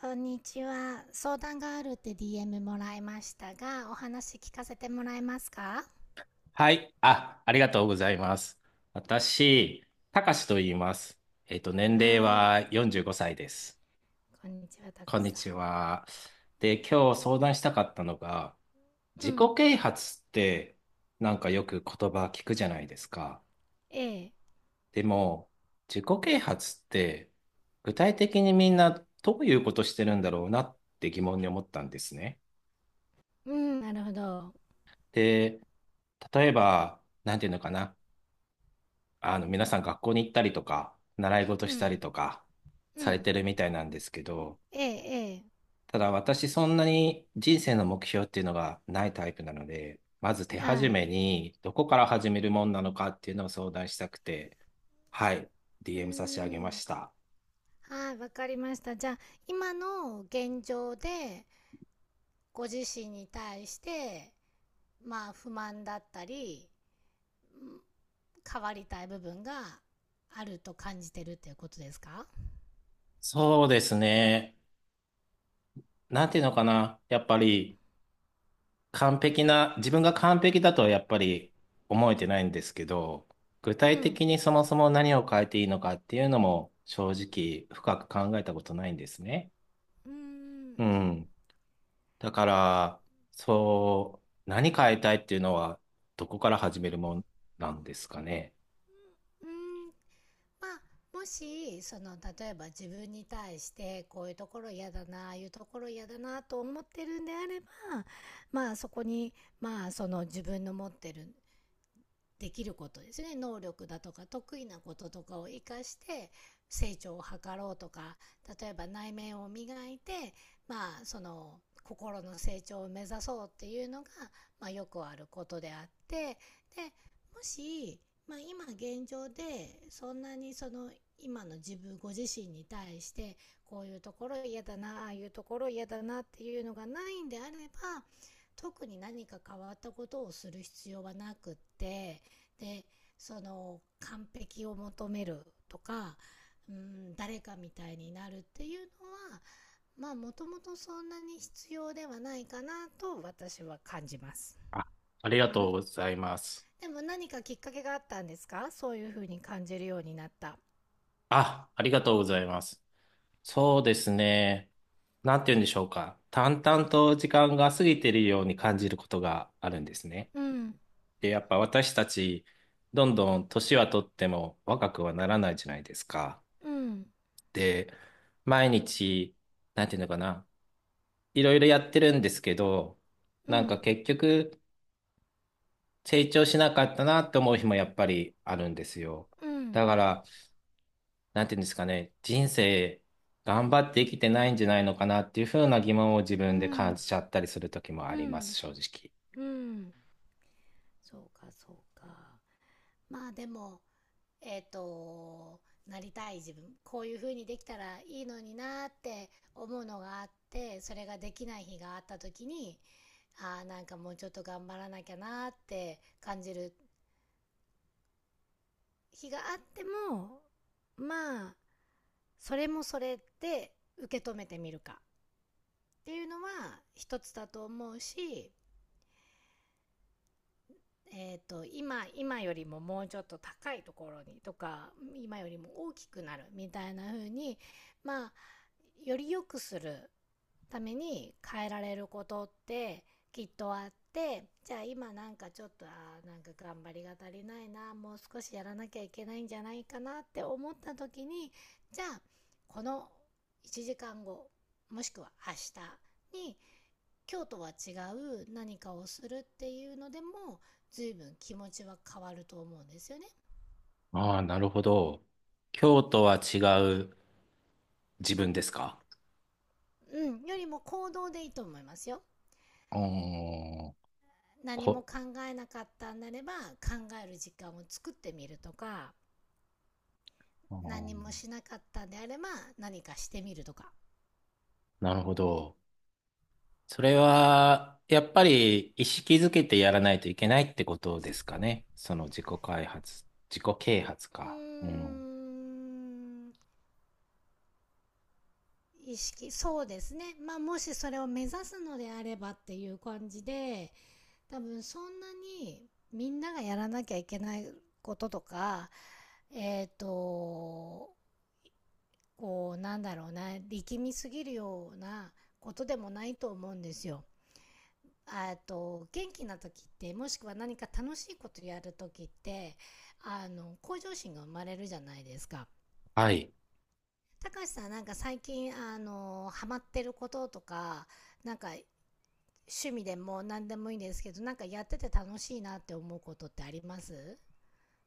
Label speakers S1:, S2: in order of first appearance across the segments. S1: こんにちは。相談があるって DM もらいましたが、お話聞かせてもらえますか？
S2: はい。あ、ありがとうございます。私、たかしと言います。年齢
S1: はーい。
S2: は45歳です。
S1: こんにちは、た
S2: こ
S1: か
S2: ん
S1: し
S2: に
S1: さ
S2: ちは。
S1: ん。う
S2: で、
S1: ん。
S2: 今日相談したかったのが、
S1: う
S2: 自己
S1: ん。
S2: 啓発ってなんかよく言葉聞くじゃないですか。
S1: ええ。
S2: でも、自己啓発って具体的にみんなどういうことしてるんだろうなって疑問に思ったんですね。
S1: うん、なるほど。
S2: で、例えば、なんていうのかな。皆さん学校に行ったりとか、習い事
S1: う
S2: した
S1: ん。
S2: りとか、
S1: う
S2: され
S1: ん。
S2: てるみたいなんですけど、
S1: ええ、
S2: ただ私そんなに人生の目標っていうのがないタイプなので、まず手
S1: ええ。は
S2: 始
S1: い。
S2: めにどこから始めるもんなのかっていうのを相談したくて、はい、
S1: う
S2: DM 差し上げ
S1: ー
S2: ま
S1: ん。
S2: した。
S1: はい、わかりました。じゃあ、今の現状で、ご自身に対して、まあ、不満だったり、うん、変わりたい部分があると感じてるっていうことですか？
S2: そうですね。なんていうのかな。やっぱり完璧な、自分が完璧だとはやっぱり思えてないんですけど、具
S1: う
S2: 体
S1: ん。
S2: 的にそもそも何を変えていいのかっていうのも正直深く考えたことないんですね。
S1: うーん。
S2: うん。だから、そう、何変えたいっていうのはどこから始めるもんなんですかね。
S1: うーん、まあ、もし、その、例えば自分に対して、こういうところ嫌だな、ああいうところ嫌だな、と思ってるんであれば、まあ、そこに、まあ、その自分の持ってるできることですね、能力だとか得意なこととかを生かして成長を図ろうとか、例えば内面を磨いて、まあその心の成長を目指そうっていうのが、まあ、よくあることであって、でもし、まあ、今現状でそんなにその今の自分ご自身に対してこういうところ嫌だな、ああいうところ嫌だなっていうのがないんであれば、特に何か変わったことをする必要はなくって、でその完璧を求めるとか、うん、誰かみたいになるっていうのは、まあもともとそんなに必要ではないかなと私は感じます。
S2: あ、あり
S1: で
S2: が
S1: も、
S2: とうございます。
S1: でも何かきっかけがあったんですか、そういうふうに感じるようになった。
S2: あ、ありがとうございます。そうですね。なんて言うんでしょうか。淡々と時間が過ぎているように感じることがあるんですね。
S1: うん、
S2: で、やっぱ私たち、どんどん年はとっても若くはならないじゃないですか。
S1: うん、
S2: で、毎日、なんていうのかな、いろいろやってるんですけど、
S1: う
S2: なんか
S1: ん、
S2: 結局、成長しなかったなって思う日もやっぱりあるんですよ。
S1: うん、
S2: だから、なんていうんですかね、人生、頑張って生きてないんじゃないのかなっていうふうな疑問を自
S1: う
S2: 分で感
S1: ん、
S2: じちゃったりする時もあ
S1: う
S2: りま
S1: ん、
S2: す、正直。
S1: うん。そうか、そうか。まあでも、えっ、と、なりたい自分、こういう風にできたらいいのになって思うのがあって、それができない日があった時に、ああ、なんかもうちょっと頑張らなきゃなって感じる日があっても、まあ、それもそれで受け止めてみるかっていうのは一つだと思うし、今、今よりももうちょっと高いところにとか、今よりも大きくなるみたいな風に、まあ、より良くするために変えられることってきっとあって、じゃあ今なんかちょっとあ、なんか頑張りが足りないな、もう少しやらなきゃいけないんじゃないかなって思った時に、じゃあこの1時間後、もしくは明日に今日とは違う何かをするっていうのでも随分気持ちは変わると思うんですよね。
S2: ああ、なるほど。今日とは違う自分ですか？
S1: うん、よりも行動でいいと思いますよ。
S2: あー
S1: 何も
S2: こ、
S1: 考えなかったんだれば考える時間を作ってみるとか、
S2: あー、
S1: 何もしなかったんであれば何かしてみるとか。
S2: なるほど。それは、やっぱり意識づけてやらないといけないってことですかね。その自己開発、自己啓発
S1: う
S2: か。うん。
S1: ーん、意識、そうですね。まあもしそれを目指すのであればっていう感じで、多分そんなにみんながやらなきゃいけないこととか、えっ、と、こうなんだろうな、力みすぎるようなことでもないと思うんですよ。あと元気な時って、もしくは何か楽しいことやる時って、あの向上心が生まれるじゃないですか。
S2: はい。
S1: たかしさん、なんか最近あのハマってることとか、なんか趣味でも何でもいいんですけど、なんかやってて楽しいなって思うことってあります？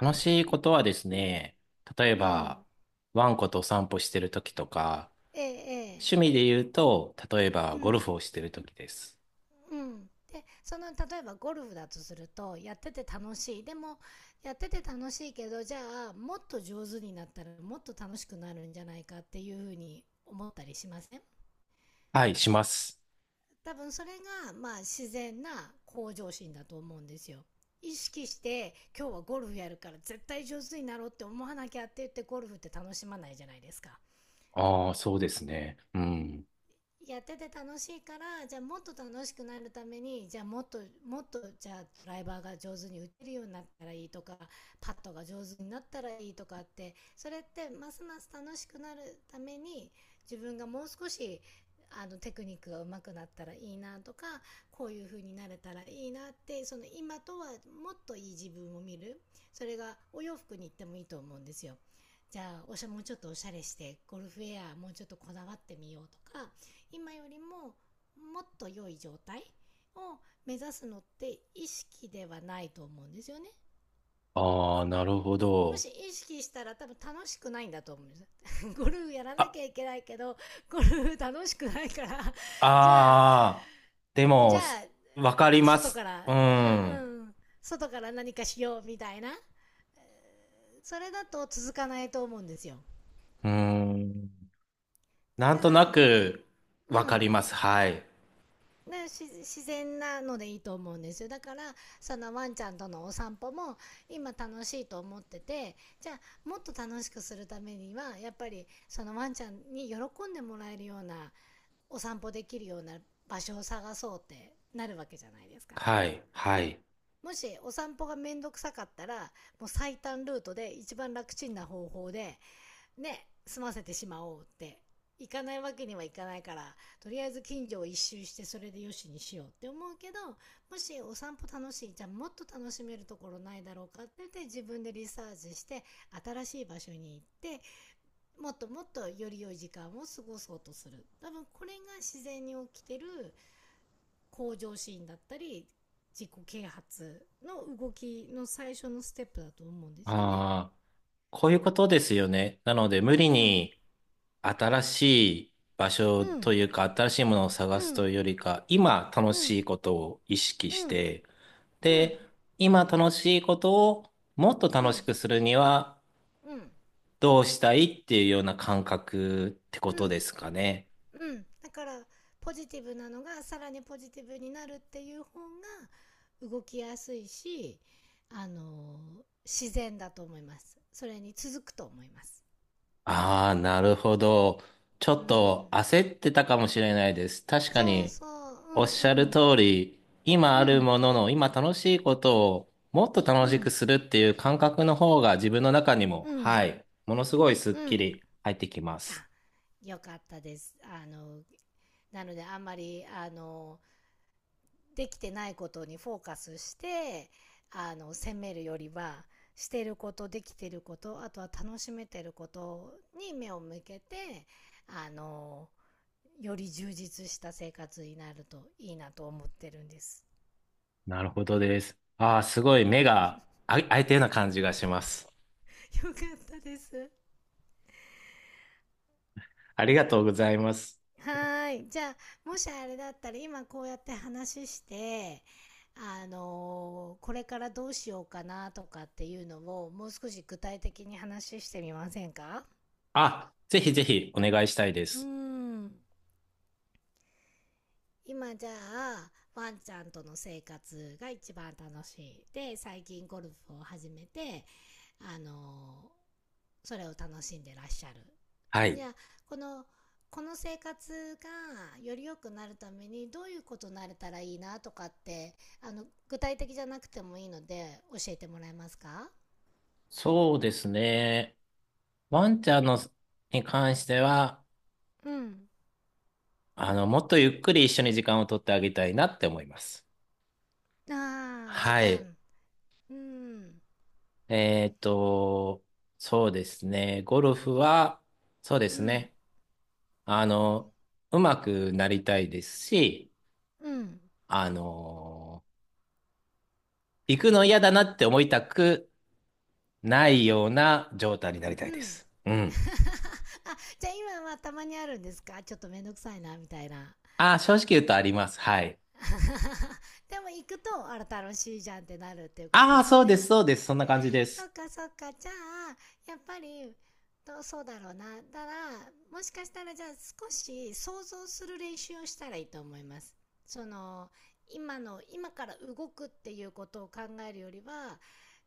S2: 楽しいことはですね、例え
S1: う
S2: ば、
S1: ん。
S2: ワンコとお散歩してる時とか、
S1: えええ
S2: 趣
S1: え。
S2: 味で言うと、例え
S1: う
S2: ばゴル
S1: ん。
S2: フをしてる時です。
S1: うん、でその例えばゴルフだとすると、やってて楽しい、でもやってて楽しいけど、じゃあもっと上手になったらもっと楽しくなるんじゃないかっていうふうに思ったりしません？
S2: はい、します。
S1: 多分それがまあ自然な向上心だと思うんですよ。意識して今日はゴルフやるから絶対上手になろうって思わなきゃって言ってゴルフって楽しまないじゃないですか。
S2: ああ、そうですね。うん。
S1: やってて楽しいから、じゃあもっと楽しくなるために、じゃあもっと、じゃあドライバーが上手に打てるようになったらいいとか、パットが上手になったらいいとかって、それってますます楽しくなるために自分がもう少しあのテクニックが上手くなったらいいなとか、こういう風になれたらいいなって、その今とはもっといい自分を見る、それがお洋服に行ってもいいと思うんですよ。じゃあおしゃ、もうちょっとおしゃれしてゴルフウェアもうちょっとこだわってみようとか、今よりももっと良い状態を目指すのって意識ではないと思うんですよね。
S2: ああ、なるほ
S1: も
S2: ど。
S1: し意識したら多分楽しくないんだと思うんです ゴルフやらな
S2: あ
S1: きゃいけないけど、ゴルフ楽しくないから じゃあ、
S2: ああ、で
S1: じ
S2: も、
S1: ゃあ、
S2: わかりま
S1: 外か
S2: す。
S1: ら、
S2: う
S1: あ
S2: ん。
S1: うん、外から何かしようみたいな、それだと続かないと思うんですよ。
S2: うん。なん
S1: だか
S2: とな
S1: ら、
S2: く、わ
S1: う
S2: か
S1: ん、
S2: ります。はい。
S1: ね、自然なのでいいと思うんですよ。だから、そのワンちゃんとのお散歩も今楽しいと思ってて、じゃあもっと楽しくするためにはやっぱりそのワンちゃんに喜んでもらえるようなお散歩できるような場所を探そうってなるわけじゃないですか。
S2: はい。はい。
S1: もしお散歩がめんどくさかったら、もう最短ルートで一番楽ちんな方法で、ね、済ませてしまおうって、行かないわけにはいかないから、とりあえず近所を一周してそれでよしにしようって思うけど、もしお散歩楽しい、じゃあもっと楽しめるところないだろうかって言って自分でリサーチして、新しい場所に行って、もっともっとより良い時間を過ごそうとする。多分これが自然に起きてる向上心だったり、自己啓発の動きの最初のステップだと思うんですよね。
S2: ああ、こういうことですよね。なので、無理
S1: うん、
S2: に新しい場所
S1: う
S2: と
S1: ん、
S2: いうか、新しいものを探
S1: う
S2: す
S1: ん、
S2: というよりか、今楽
S1: う
S2: し
S1: ん、
S2: いことを意識
S1: う
S2: し
S1: ん。
S2: て、
S1: う
S2: で、
S1: ん、
S2: 今楽しいことをもっと
S1: う
S2: 楽し
S1: ん、
S2: くするには、
S1: うん、
S2: どうしたいっていうような感覚ってこ
S1: う
S2: とで
S1: ん、
S2: すかね。
S1: うん、だからポジティブなのがさらにポジティブになるっていう方が動きやすいし、あの自然だと思います、それに続くと思います。
S2: ああ、なるほど。ちょ
S1: う
S2: っと
S1: ん、
S2: 焦ってたかもしれないです。確か
S1: そう
S2: に、
S1: そ
S2: おっ
S1: う、
S2: しゃ
S1: う
S2: る
S1: ん、
S2: 通り、今あ
S1: う
S2: る
S1: ん、
S2: ものの、今楽しいことをもっと
S1: う
S2: 楽
S1: ん、う
S2: しく
S1: ん、
S2: するっていう感覚の方が自分の中にも、
S1: うん、
S2: はい、ものすごいスッ
S1: う
S2: キ
S1: ん、
S2: リ入ってきま
S1: あ、
S2: す。
S1: よかったです。あの、なのであんまり、あのできてないことにフォーカスして、あの責めるよりはしてること、できてること、あとは楽しめてることに目を向けて、あのより充実した生活になるといいなと思ってるんです。
S2: なるほどです。ああ、すごい目が開いたような感じがします。
S1: よかったです。
S2: ありがとうございます。
S1: はい。じゃあ、もしあれだったら今こうやって話して、あのこれからどうしようかなとかっていうのをもう少し具体的に話してみませんか？
S2: あ、ぜひぜひお願いしたいで
S1: うー
S2: す。
S1: ん。今じゃあワンちゃんとの生活が一番楽しいで、最近ゴルフを始めて、あのーそれを楽しんでらっしゃる、
S2: は
S1: じ
S2: い。
S1: ゃあこの、この生活がより良くなるためにどういうことになれたらいいなとかって、あの具体的じゃなくてもいいので教えてもらえますか？
S2: そうですね。ワンちゃんのに関しては、
S1: うん、
S2: もっとゆっくり一緒に時間を取ってあげたいなって思います。
S1: あー、時
S2: はい。
S1: 間、うん、
S2: えっと、そうですね。ゴルフは、そうで
S1: う
S2: す
S1: ん、
S2: ね。あの、うまくなりたいですし、
S1: うん、
S2: あの、行くの嫌だなって思いたくないような状態になりた
S1: う
S2: いで
S1: ん、
S2: す。うん。
S1: あ、じゃあ今はたまにあるんですか、ちょっとめんどくさいなみたいな？
S2: ああ、正直言うとあります。はい。
S1: でも行くと、あら楽しいじゃんってなるっていうこと
S2: あ
S1: で
S2: あ、
S1: すよ
S2: そう
S1: ね。
S2: です、そうです。そんな感じで
S1: そっ
S2: す。
S1: かそっか。じゃあ、やっぱり、どうそうだろうな。だから、もしかしたらじゃあ少し想像する練習をしたらいいと思います。その、今の、今から動くっていうことを考えるよりは、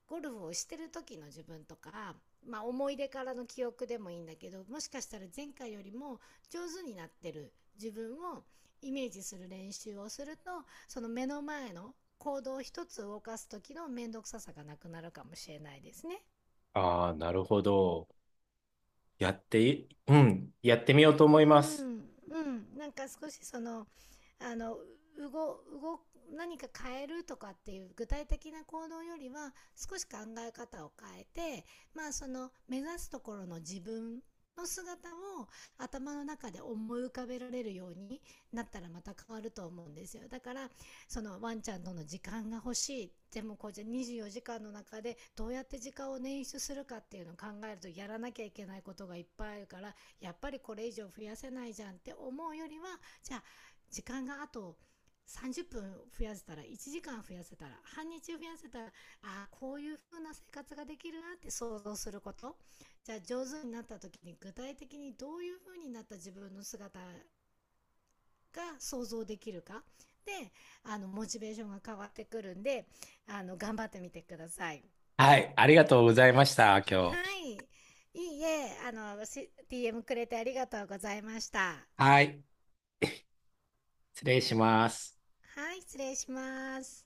S1: ゴルフをしてる時の自分とか、まあ、思い出からの記憶でもいいんだけど、もしかしたら前回よりも上手になってる自分をイメージする練習をすると、その目の前の行動一つ動かす時の面倒くささがなくなるかもしれないですね。
S2: ああ、なるほど。やってい、うん。やってみようと
S1: う
S2: 思いま
S1: ん、
S2: す。
S1: うん、なんか少しその、あの、うご、うご、何か変えるとかっていう具体的な行動よりは、少し考え方を変えて、まあその目指すところの自分の姿を頭の中で思い浮かべられるようになったらまた変わると思うんですよ。だから、そのワンちゃんとの時間が欲しい。でもこうじゃ24時間の中でどうやって時間を捻出するかっていうのを考えると、やらなきゃいけないことがいっぱいあるからやっぱりこれ以上増やせないじゃんって思うよりは、じゃあ時間があと30分増やせたら、1時間増やせたら、半日増やせたら、ああこういう風な生活ができるなって想像すること、じゃあ上手になった時に具体的にどういう風になった自分の姿が想像できるかで、あのモチベーションが変わってくるんで、あの頑張ってみてください。
S2: はい。ありがとうございました、今
S1: は
S2: 日。
S1: い、いいえ、あのし DM くれてありがとうございました。
S2: はい。失礼します。
S1: はい、失礼します。